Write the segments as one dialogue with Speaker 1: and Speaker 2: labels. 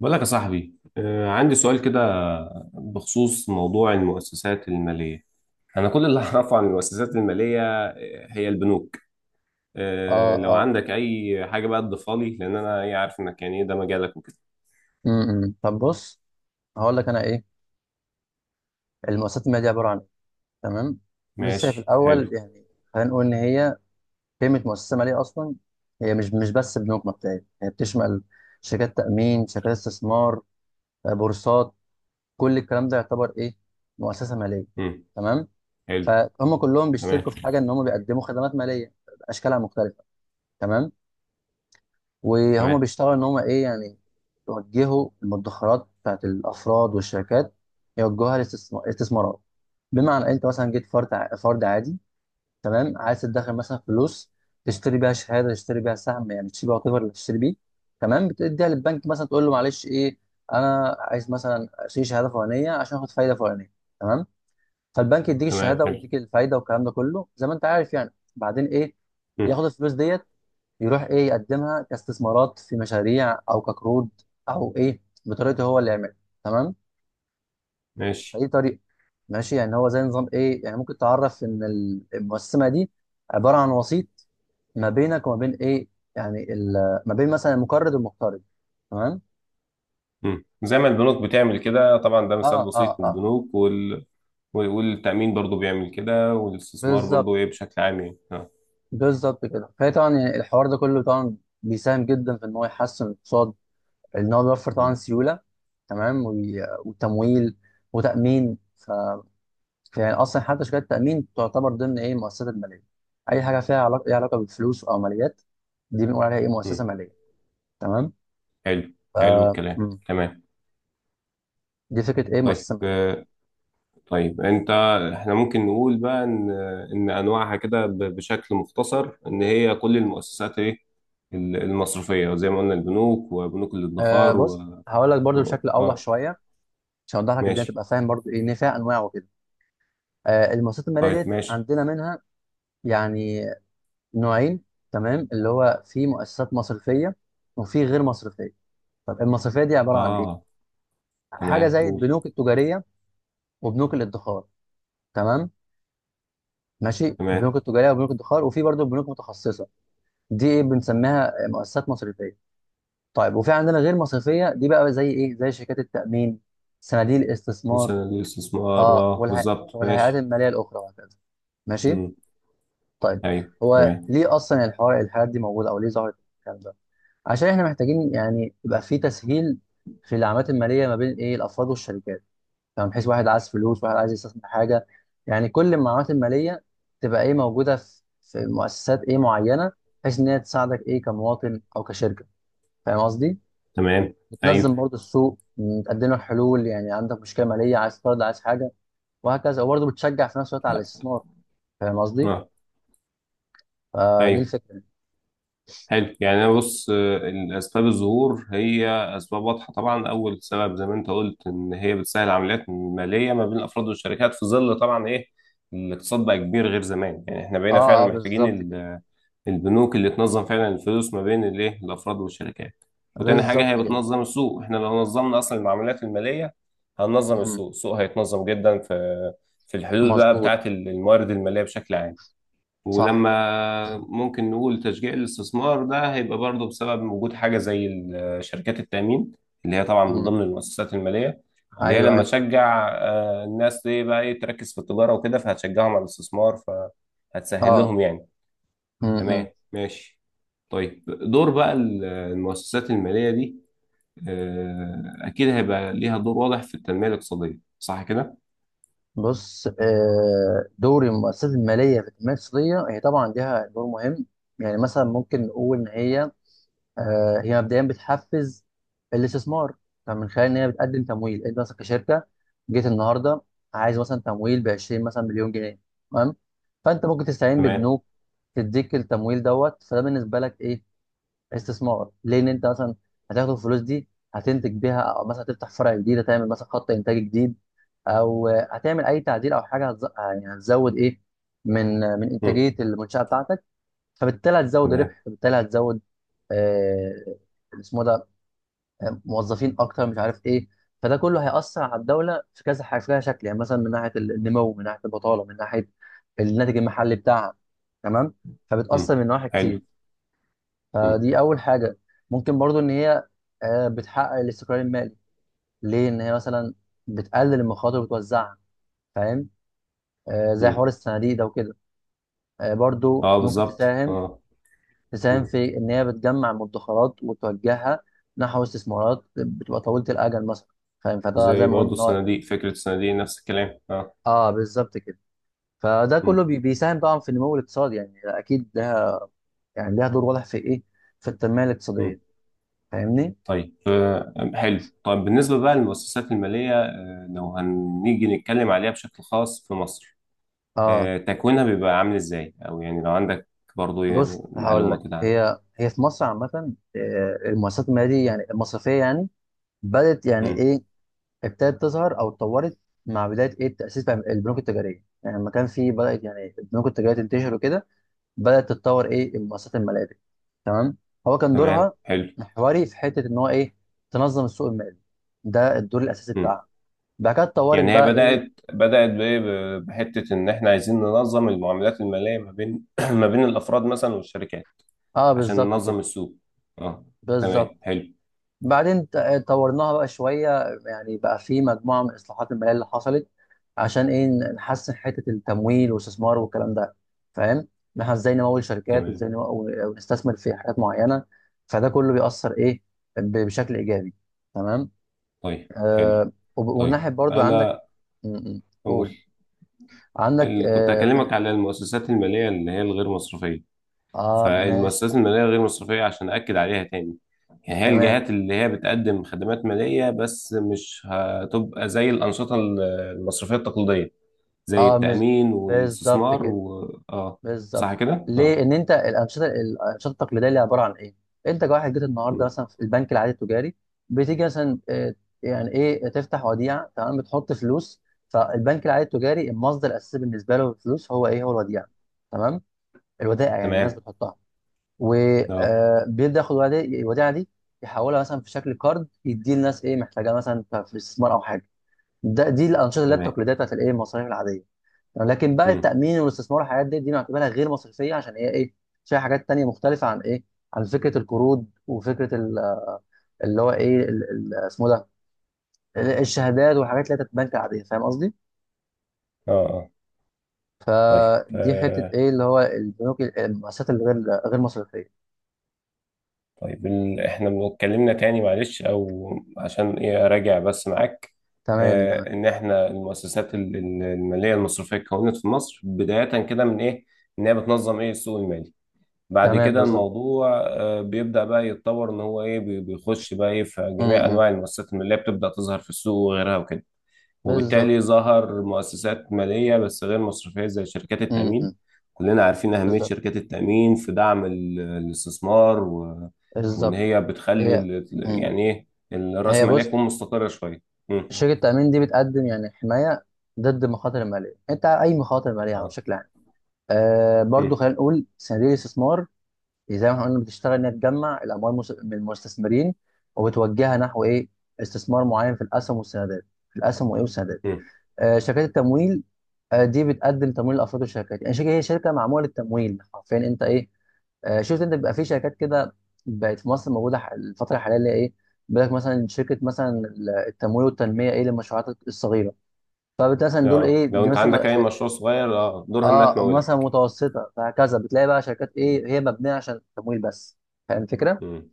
Speaker 1: بقول لك يا صاحبي، عندي سؤال
Speaker 2: ايه.
Speaker 1: كده بخصوص موضوع المؤسسات المالية. أنا كل اللي
Speaker 2: تمام.
Speaker 1: أعرفه عن المؤسسات المالية، هي البنوك.
Speaker 2: اه
Speaker 1: لو
Speaker 2: اه
Speaker 1: عندك أي حاجة بقى تضيفها لي، لأن أنا إيه عارف إنك يعني إيه ده مجالك وكده.
Speaker 2: طب بص، هقول لك انا ايه. المؤسسات الماليه دي عباره عن ايه؟ تمام، لسه هي في
Speaker 1: ماشي،
Speaker 2: الاول
Speaker 1: حلو.
Speaker 2: يعني. خلينا نقول ان هي قيمه مؤسسه ماليه اصلا. هي مش بس بنوك مبدئيه، هي بتشمل شركات تامين، شركات استثمار، آه، بورصات. كل الكلام ده يعتبر ايه؟ مؤسسه ماليه.
Speaker 1: مم.
Speaker 2: تمام.
Speaker 1: حلو.
Speaker 2: فهم كلهم
Speaker 1: تمام،
Speaker 2: بيشتركوا في حاجه ان هم بيقدموا خدمات ماليه باشكالها مختلفه. تمام. وهم
Speaker 1: تمام،
Speaker 2: بيشتغلوا ان هم ايه يعني، يوجهوا المدخرات بتاعت الافراد والشركات، يوجهوها للاستثمارات. بمعنى انت مثلا جيت فرد، فرد عادي. تمام، عايز تدخل مثلا فلوس، تشتري بيها شهاده، تشتري بيها سهم، يعني تشتري بيها whatever اللي تشتري بيه. تمام، بتديها للبنك مثلا، تقول له معلش ايه، انا عايز مثلا اشتري شهاده فلانيه عشان اخد فايده فلانيه. تمام. فالبنك يديك
Speaker 1: تمام.
Speaker 2: الشهاده
Speaker 1: حلو.
Speaker 2: ويديك الفايده، والكلام ده كله زي ما انت عارف يعني. بعدين ايه،
Speaker 1: مم.
Speaker 2: ياخد الفلوس ديت، يروح ايه، يقدمها كاستثمارات في مشاريع او كقروض، او ايه بطريقته هو اللي يعملها. تمام.
Speaker 1: ماشي.
Speaker 2: فايه طريقه ماشي، يعني هو زي نظام ايه. يعني ممكن تعرف ان المؤسسه دي عباره عن وسيط ما بينك وما بين ايه، يعني ما بين مثلا المقرض والمقترض. تمام.
Speaker 1: مم. زي ما البنوك بتعمل كده، طبعا ده
Speaker 2: اه
Speaker 1: مثال
Speaker 2: اه
Speaker 1: بسيط من
Speaker 2: اه،
Speaker 1: البنوك والتأمين برضو بيعمل كده، والاستثمار
Speaker 2: بالظبط،
Speaker 1: برضو إيه بشكل عام يعني.
Speaker 2: بالظبط كده. فهي طبعا يعني الحوار ده كله طبعا بيساهم جدا في ان هو يحسن الاقتصاد، ان هو بيوفر طبعا
Speaker 1: مم.
Speaker 2: سيوله، تمام، وتمويل وتامين. يعني اصلا حتى شركات التامين تعتبر ضمن ايه المؤسسات الماليه. اي حاجه فيها علاقه، ليها علاقه بالفلوس او ماليات، دي بنقول عليها ايه مؤسسه
Speaker 1: مم.
Speaker 2: ماليه. تمام.
Speaker 1: حلو،
Speaker 2: ف
Speaker 1: حلو الكلام،
Speaker 2: مم.
Speaker 1: تمام.
Speaker 2: دي فكره ايه
Speaker 1: طيب،
Speaker 2: مؤسسه ماليه.
Speaker 1: طيب انت، احنا ممكن نقول بقى ان انواعها كده بشكل مختصر، ان هي كل المؤسسات ايه المصرفيه زي ما قلنا، البنوك وبنوك
Speaker 2: آه
Speaker 1: الادخار
Speaker 2: بص، هقول لك برضو بشكل اوضح
Speaker 1: اه.
Speaker 2: شويه عشان اوضح لك الدنيا،
Speaker 1: ماشي.
Speaker 2: تبقى فاهم برضو ايه ان فيها انواع وكده. آه المؤسسات الماليه
Speaker 1: طيب
Speaker 2: ديت
Speaker 1: ماشي.
Speaker 2: عندنا منها يعني نوعين. تمام، اللي هو في مؤسسات مصرفيه وفي غير مصرفيه. طب المصرفيه دي عباره عن
Speaker 1: اه
Speaker 2: ايه؟ حاجه
Speaker 1: تمام،
Speaker 2: زي
Speaker 1: قول.
Speaker 2: البنوك التجاريه وبنوك الادخار. تمام، ماشي،
Speaker 1: تمام.
Speaker 2: بنوك التجاريه وبنوك الادخار وفي برضه بنوك متخصصه. دي ايه بنسميها مؤسسات مصرفيه. طيب وفي عندنا غير مصرفيه، دي بقى زي ايه، زي شركات التامين، صناديق الاستثمار،
Speaker 1: مثلا للاستثمار،
Speaker 2: اه،
Speaker 1: اه بالظبط،
Speaker 2: والهيئات
Speaker 1: ماشي.
Speaker 2: الماليه الاخرى وهكذا. ماشي.
Speaker 1: امم،
Speaker 2: طيب
Speaker 1: ايوه
Speaker 2: هو
Speaker 1: تمام،
Speaker 2: ليه اصلا الحوار الحاجات دي موجوده، او ليه ظهرت الكلام ده؟ عشان احنا محتاجين يعني يبقى في تسهيل في العمليات الماليه ما بين ايه الافراد والشركات. فاهم، بحيث واحد عايز فلوس، واحد عايز يستثمر حاجه. يعني كل المعلومات الماليه تبقى ايه موجوده في مؤسسات ايه معينه، بحيث ان هي تساعدك ايه كمواطن او كشركه. فاهم قصدي؟
Speaker 1: تمام، ايوه،
Speaker 2: بتنظم برضه السوق، تقدم لك حلول، يعني عندك مشكله ماليه، عايز تقرض، عايز حاجه، وهكذا. وبرضه بتشجع في نفس الوقت على
Speaker 1: اه
Speaker 2: الاستثمار. فاهم قصدي؟
Speaker 1: آه،
Speaker 2: فدي
Speaker 1: ايوه.
Speaker 2: الفكره.
Speaker 1: حلو، يعني انا بص، الاسباب الظهور هي اسباب واضحه. طبعا اول سبب زي ما انت قلت، ان هي بتسهل عمليات ماليه ما بين الافراد والشركات، في ظل طبعا ايه الاقتصاد بقى كبير غير زمان، يعني احنا بقينا فعلا
Speaker 2: اه اه،
Speaker 1: محتاجين
Speaker 2: بالظبط كده،
Speaker 1: البنوك اللي تنظم فعلا الفلوس ما بين الايه الافراد والشركات. وتاني حاجه،
Speaker 2: بالظبط
Speaker 1: هي
Speaker 2: كده.
Speaker 1: بتنظم السوق، احنا لو نظمنا اصلا المعاملات الماليه هننظم
Speaker 2: مم.
Speaker 1: السوق، السوق هيتنظم جدا في الحلول بقى
Speaker 2: مظبوط.
Speaker 1: بتاعه الموارد الماليه بشكل عام.
Speaker 2: صح.
Speaker 1: ولما ممكن نقول تشجيع الاستثمار، ده هيبقى برضه بسبب وجود حاجة زي شركات التأمين، اللي هي طبعا من
Speaker 2: مم.
Speaker 1: ضمن المؤسسات المالية، اللي هي
Speaker 2: ايوه
Speaker 1: لما
Speaker 2: ايوه فعلا.
Speaker 1: تشجع الناس دي بقى ايه تركز في التجارة وكده، فهتشجعهم على الاستثمار فهتسهل
Speaker 2: اه.
Speaker 1: لهم يعني.
Speaker 2: مم. مم.
Speaker 1: تمام، ماشي. طيب دور بقى المؤسسات المالية دي، أكيد هيبقى ليها دور واضح في التنمية الاقتصادية، صح كده؟
Speaker 2: بص، آه، دور المؤسسات المالية في التنمية الاقتصادية هي طبعا ليها دور مهم. يعني مثلا ممكن نقول إن هي آه، هي مبدئيا بتحفز الاستثمار، فمن خلال إن هي بتقدم تمويل. أنت مثلا كشركة جيت النهاردة، عايز مثلا تمويل ب 20 مثلا مليون جنيه. تمام، فأنت ممكن تستعين
Speaker 1: تمام.
Speaker 2: ببنوك تديك التمويل دوت. فده بالنسبة لك إيه؟ استثمار، ليه ان انت مثلا هتاخد الفلوس دي، هتنتج بيها، او مثلا هتفتح فرع جديد، هتعمل مثلا خط انتاج جديد، او هتعمل اي تعديل او حاجه يعني هتزود ايه، من
Speaker 1: مم.
Speaker 2: انتاجيه المنشاه بتاعتك. فبالتالي هتزود
Speaker 1: تمام.
Speaker 2: ربح، فبالتالي هتزود آه... اسمه ده، آه، موظفين اكتر مش عارف ايه. فده كله هيأثر على الدوله في كذا حاجه، في كذا شكل، يعني مثلا من ناحيه النمو، من ناحيه البطاله، من ناحيه الناتج المحلي بتاعها. تمام. فبتأثر
Speaker 1: مم.
Speaker 2: من نواحي
Speaker 1: حلو.
Speaker 2: كتير.
Speaker 1: مم.
Speaker 2: فدي اول حاجه. ممكن برضو ان هي آه، بتحقق الاستقرار المالي، ليه ان هي مثلا بتقلل المخاطر وبتوزعها. فاهم؟ آه، زي
Speaker 1: مم.
Speaker 2: حوار الصناديق ده وكده. آه، برضو
Speaker 1: اه
Speaker 2: ممكن
Speaker 1: بالظبط،
Speaker 2: تساهم،
Speaker 1: اه.
Speaker 2: تساهم في ان هي بتجمع المدخرات وتوجهها نحو استثمارات بتبقى طويله الاجل مثلا. فاهم؟ فده زي
Speaker 1: زي
Speaker 2: ما قلنا
Speaker 1: برضه
Speaker 2: إن
Speaker 1: الصناديق، فكرة الصناديق نفس الكلام، اه.
Speaker 2: اه بالظبط كده. فده كله
Speaker 1: مم.
Speaker 2: بيساهم طبعا في النمو الاقتصادي يعني. اكيد ده يعني ليها دور واضح في ايه، في التنميه
Speaker 1: مم.
Speaker 2: الاقتصاديه. فاهمني؟
Speaker 1: طيب، حلو. طيب بالنسبة بقى للمؤسسات المالية، لو هنيجي نتكلم عليها بشكل خاص في مصر،
Speaker 2: اه
Speaker 1: تكوينها بيبقى عامل ازاي، او يعني لو عندك برضه ايه
Speaker 2: بص، هقول لك،
Speaker 1: معلومة كده عنها.
Speaker 2: هي في مصر عامة، آه، المؤسسات المالية دي يعني المصرفية يعني بدأت يعني
Speaker 1: مم.
Speaker 2: إيه، ابتدت تظهر أو اتطورت مع بداية إيه تأسيس بقى البنوك التجارية. يعني لما كان في بدأت يعني البنوك التجارية تنتشر وكده، بدأت تتطور إيه المؤسسات المالية دي. تمام. هو كان
Speaker 1: تمام،
Speaker 2: دورها
Speaker 1: حلو.
Speaker 2: محوري في حتة إن هو إيه، تنظم السوق المالي. ده الدور الأساسي
Speaker 1: مم.
Speaker 2: بتاعها. بعد كده اتطورت
Speaker 1: يعني هي
Speaker 2: بقى إيه،
Speaker 1: بدأت بإيه؟ بحتة إن إحنا عايزين ننظم المعاملات المالية ما بين ما بين الأفراد مثلا والشركات،
Speaker 2: أه
Speaker 1: عشان
Speaker 2: بالظبط كده،
Speaker 1: ننظم السوق. اه.
Speaker 2: بالظبط.
Speaker 1: تمام، حلو.
Speaker 2: بعدين آه، طورناها بقى شويه، يعني بقى في مجموعه من اصلاحات الماليه اللي حصلت عشان ايه نحسن حته التمويل والاستثمار والكلام ده. فاهم؟ ان احنا ازاي نمول شركات،
Speaker 1: تمام.
Speaker 2: وازاي ونستثمر في حاجات معينه. فده كله بيأثر ايه، بشكل ايجابي. تمام.
Speaker 1: طيب، حلو.
Speaker 2: آه
Speaker 1: طيب
Speaker 2: والناحيه برضو عندك.
Speaker 1: انا
Speaker 2: م-
Speaker 1: اقول،
Speaker 2: قول. عندك
Speaker 1: اللي كنت
Speaker 2: اه،
Speaker 1: هكلمك على المؤسسات الماليه اللي هي الغير مصرفيه.
Speaker 2: آه ماشي،
Speaker 1: فالمؤسسات الماليه الغير مصرفيه، عشان اكد عليها تاني، يعني هي
Speaker 2: تمام.
Speaker 1: الجهات اللي هي بتقدم خدمات ماليه بس مش هتبقى زي الانشطه المصرفيه التقليديه، زي
Speaker 2: اه
Speaker 1: التامين
Speaker 2: بالظبط
Speaker 1: والاستثمار
Speaker 2: كده،
Speaker 1: و اه.
Speaker 2: بالظبط.
Speaker 1: صح كده،
Speaker 2: ليه
Speaker 1: اه.
Speaker 2: ان انت الانشطه، التقليديه اللي عباره عن ايه، انت كواحد جيت النهارده
Speaker 1: مم.
Speaker 2: مثلا في البنك العادي التجاري، بتيجي مثلا آه، يعني ايه، تفتح وديعه، تمام، بتحط فلوس. فالبنك العادي التجاري المصدر الاساسي بالنسبه له الفلوس هو ايه، هو الوديعه. تمام. الودائع يعني الناس
Speaker 1: تمام،
Speaker 2: بتحطها،
Speaker 1: اه.
Speaker 2: وبيبدا ياخد الوديعه دي، يحولها مثلا في شكل كارد، يديه للناس ايه محتاجاه مثلا في الاستثمار او حاجه. دي الانشطه اللي هي
Speaker 1: تمام.
Speaker 2: التقليديه بتاعت الايه المصاريف العاديه. لكن بقى
Speaker 1: مم.
Speaker 2: التأمين والاستثمار والحاجات دي، دي نعتبرها غير مصرفية عشان هي ايه، فيها حاجات تانية مختلفة عن ايه، عن فكرة القروض وفكرة اللي هو ايه اسمه ده، الشهادات وحاجات اللي هي بتتبنك عادية. فاهم قصدي؟
Speaker 1: اه، اه. طيب،
Speaker 2: فدي حتة ايه، اللي هو البنوك المؤسسات غير مصرفية.
Speaker 1: طيب احنا اتكلمنا تاني، معلش، او عشان ايه اراجع بس معاك،
Speaker 2: تمام تمام
Speaker 1: ان احنا المؤسسات الماليه المصرفيه اتكونت في مصر بدايه كده من ايه، ان هي بتنظم ايه السوق المالي. بعد
Speaker 2: تمام،
Speaker 1: كده
Speaker 2: بالظبط.
Speaker 1: الموضوع بيبدا بقى يتطور، ان هو ايه بيخش بقى ايه في
Speaker 2: م-
Speaker 1: جميع
Speaker 2: م.
Speaker 1: انواع المؤسسات الماليه بتبدا تظهر في السوق وغيرها وكده.
Speaker 2: بالظبط.
Speaker 1: وبالتالي ظهر مؤسسات مالية بس غير مصرفية زي شركات
Speaker 2: م-
Speaker 1: التأمين.
Speaker 2: م.
Speaker 1: كلنا عارفين أهمية
Speaker 2: بالظبط،
Speaker 1: شركات التأمين في دعم الاستثمار وإن
Speaker 2: بالظبط.
Speaker 1: هي بتخلي
Speaker 2: هي م.
Speaker 1: يعني إيه الرأس
Speaker 2: هي
Speaker 1: المالية
Speaker 2: بص،
Speaker 1: تكون مستقرة شوية. مم.
Speaker 2: شركة التأمين دي بتقدم يعني حماية ضد المخاطر المالية، انت اي مخاطر مالية
Speaker 1: اه.
Speaker 2: بشكل. آه برضو،
Speaker 1: مم.
Speaker 2: خلينا نقول صناديق الاستثمار. إيه، زي ما احنا قلنا بتشتغل انها تجمع الاموال، من المستثمرين وبتوجهها نحو ايه، استثمار معين في الاسهم والسندات، في الاسهم وايه، والسندات.
Speaker 1: مم.
Speaker 2: آه شركات التمويل، آه دي بتقدم تمويل لافراد الشركات. يعني شركه، هي شركه معموله للتمويل حرفيا، انت ايه. آه شفت انت بيبقى في شركات كده، بقت في مصر موجوده، الفتره الحاليه اللي هي ايه، بيقول لك مثلا شركه مثلا التمويل والتنميه ايه للمشروعات الصغيره. فبالتالي مثلا دول
Speaker 1: اه،
Speaker 2: ايه،
Speaker 1: لو
Speaker 2: دي
Speaker 1: أنت
Speaker 2: مثلا
Speaker 1: عندك أي مشروع صغير، اه دورها إنها
Speaker 2: اه مثلا
Speaker 1: تمولك.
Speaker 2: متوسطه، فهكذا بتلاقي بقى شركات
Speaker 1: مم.
Speaker 2: ايه هي مبنيه عشان التمويل بس. فاهم الفكره؟
Speaker 1: مم.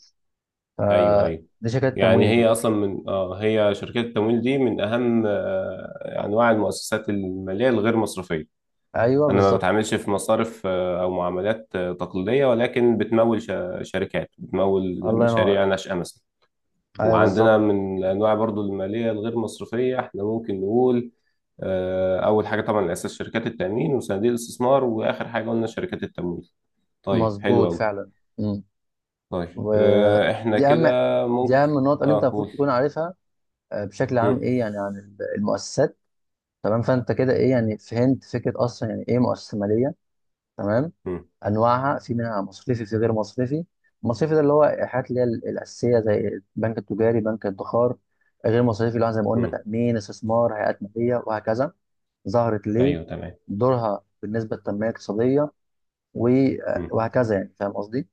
Speaker 1: أيوه، أيوه.
Speaker 2: فدي شركات
Speaker 1: يعني
Speaker 2: تمويل
Speaker 1: هي
Speaker 2: يعني.
Speaker 1: أصلا من اه هي شركات التمويل دي من أهم أنواع المؤسسات المالية الغير مصرفية.
Speaker 2: ايوه
Speaker 1: انا ما
Speaker 2: بالظبط.
Speaker 1: بتعاملش في مصارف، او معاملات تقليديه، ولكن بتمول شركات، بتمول
Speaker 2: الله ينور
Speaker 1: مشاريع
Speaker 2: عليك.
Speaker 1: ناشئه مثلا.
Speaker 2: ايوه
Speaker 1: وعندنا
Speaker 2: بالظبط كده.
Speaker 1: من الانواع برضو الماليه الغير مصرفيه، احنا ممكن نقول اول حاجه طبعا الاساس شركات التامين وصناديق الاستثمار، واخر حاجه قلنا شركات التمويل. طيب حلو
Speaker 2: مظبوط
Speaker 1: قوي.
Speaker 2: فعلا. امم
Speaker 1: طيب، احنا
Speaker 2: ودي
Speaker 1: كده
Speaker 2: اهم دي اهم
Speaker 1: ممكن.
Speaker 2: النقط اللي انت
Speaker 1: اه،
Speaker 2: المفروض
Speaker 1: قول.
Speaker 2: تكون عارفها آه، بشكل عام
Speaker 1: مم،
Speaker 2: ايه يعني عن المؤسسات. تمام. فانت كده ايه يعني، فهمت فكره اصلا يعني ايه مؤسسه ماليه. تمام.
Speaker 1: مم،
Speaker 2: انواعها، في منها مصرفي، في غير مصرفي. المصرفي ده اللي هو الحاجات اللي هي الاساسيه زي البنك التجاري، بنك الادخار. غير مصرفي اللي هو زي ما قلنا
Speaker 1: مم.
Speaker 2: تامين، استثمار، هيئات ماليه وهكذا. ظهرت ليه،
Speaker 1: ايوه، تمام.
Speaker 2: دورها بالنسبه للتنميه الاقتصاديه و- وهكذا يعني. فاهم قصدي؟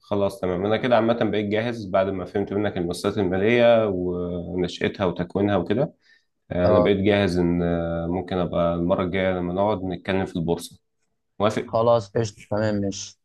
Speaker 1: خلاص، تمام. انا كده عامه بقيت جاهز، بعد ما فهمت منك المؤسسات الماليه ونشاتها وتكوينها وكده، انا
Speaker 2: اه
Speaker 1: بقيت جاهز ان ممكن ابقى المره الجايه لما نقعد نتكلم في البورصه. موافق.
Speaker 2: خلاص قشطه، تمام، ماشي.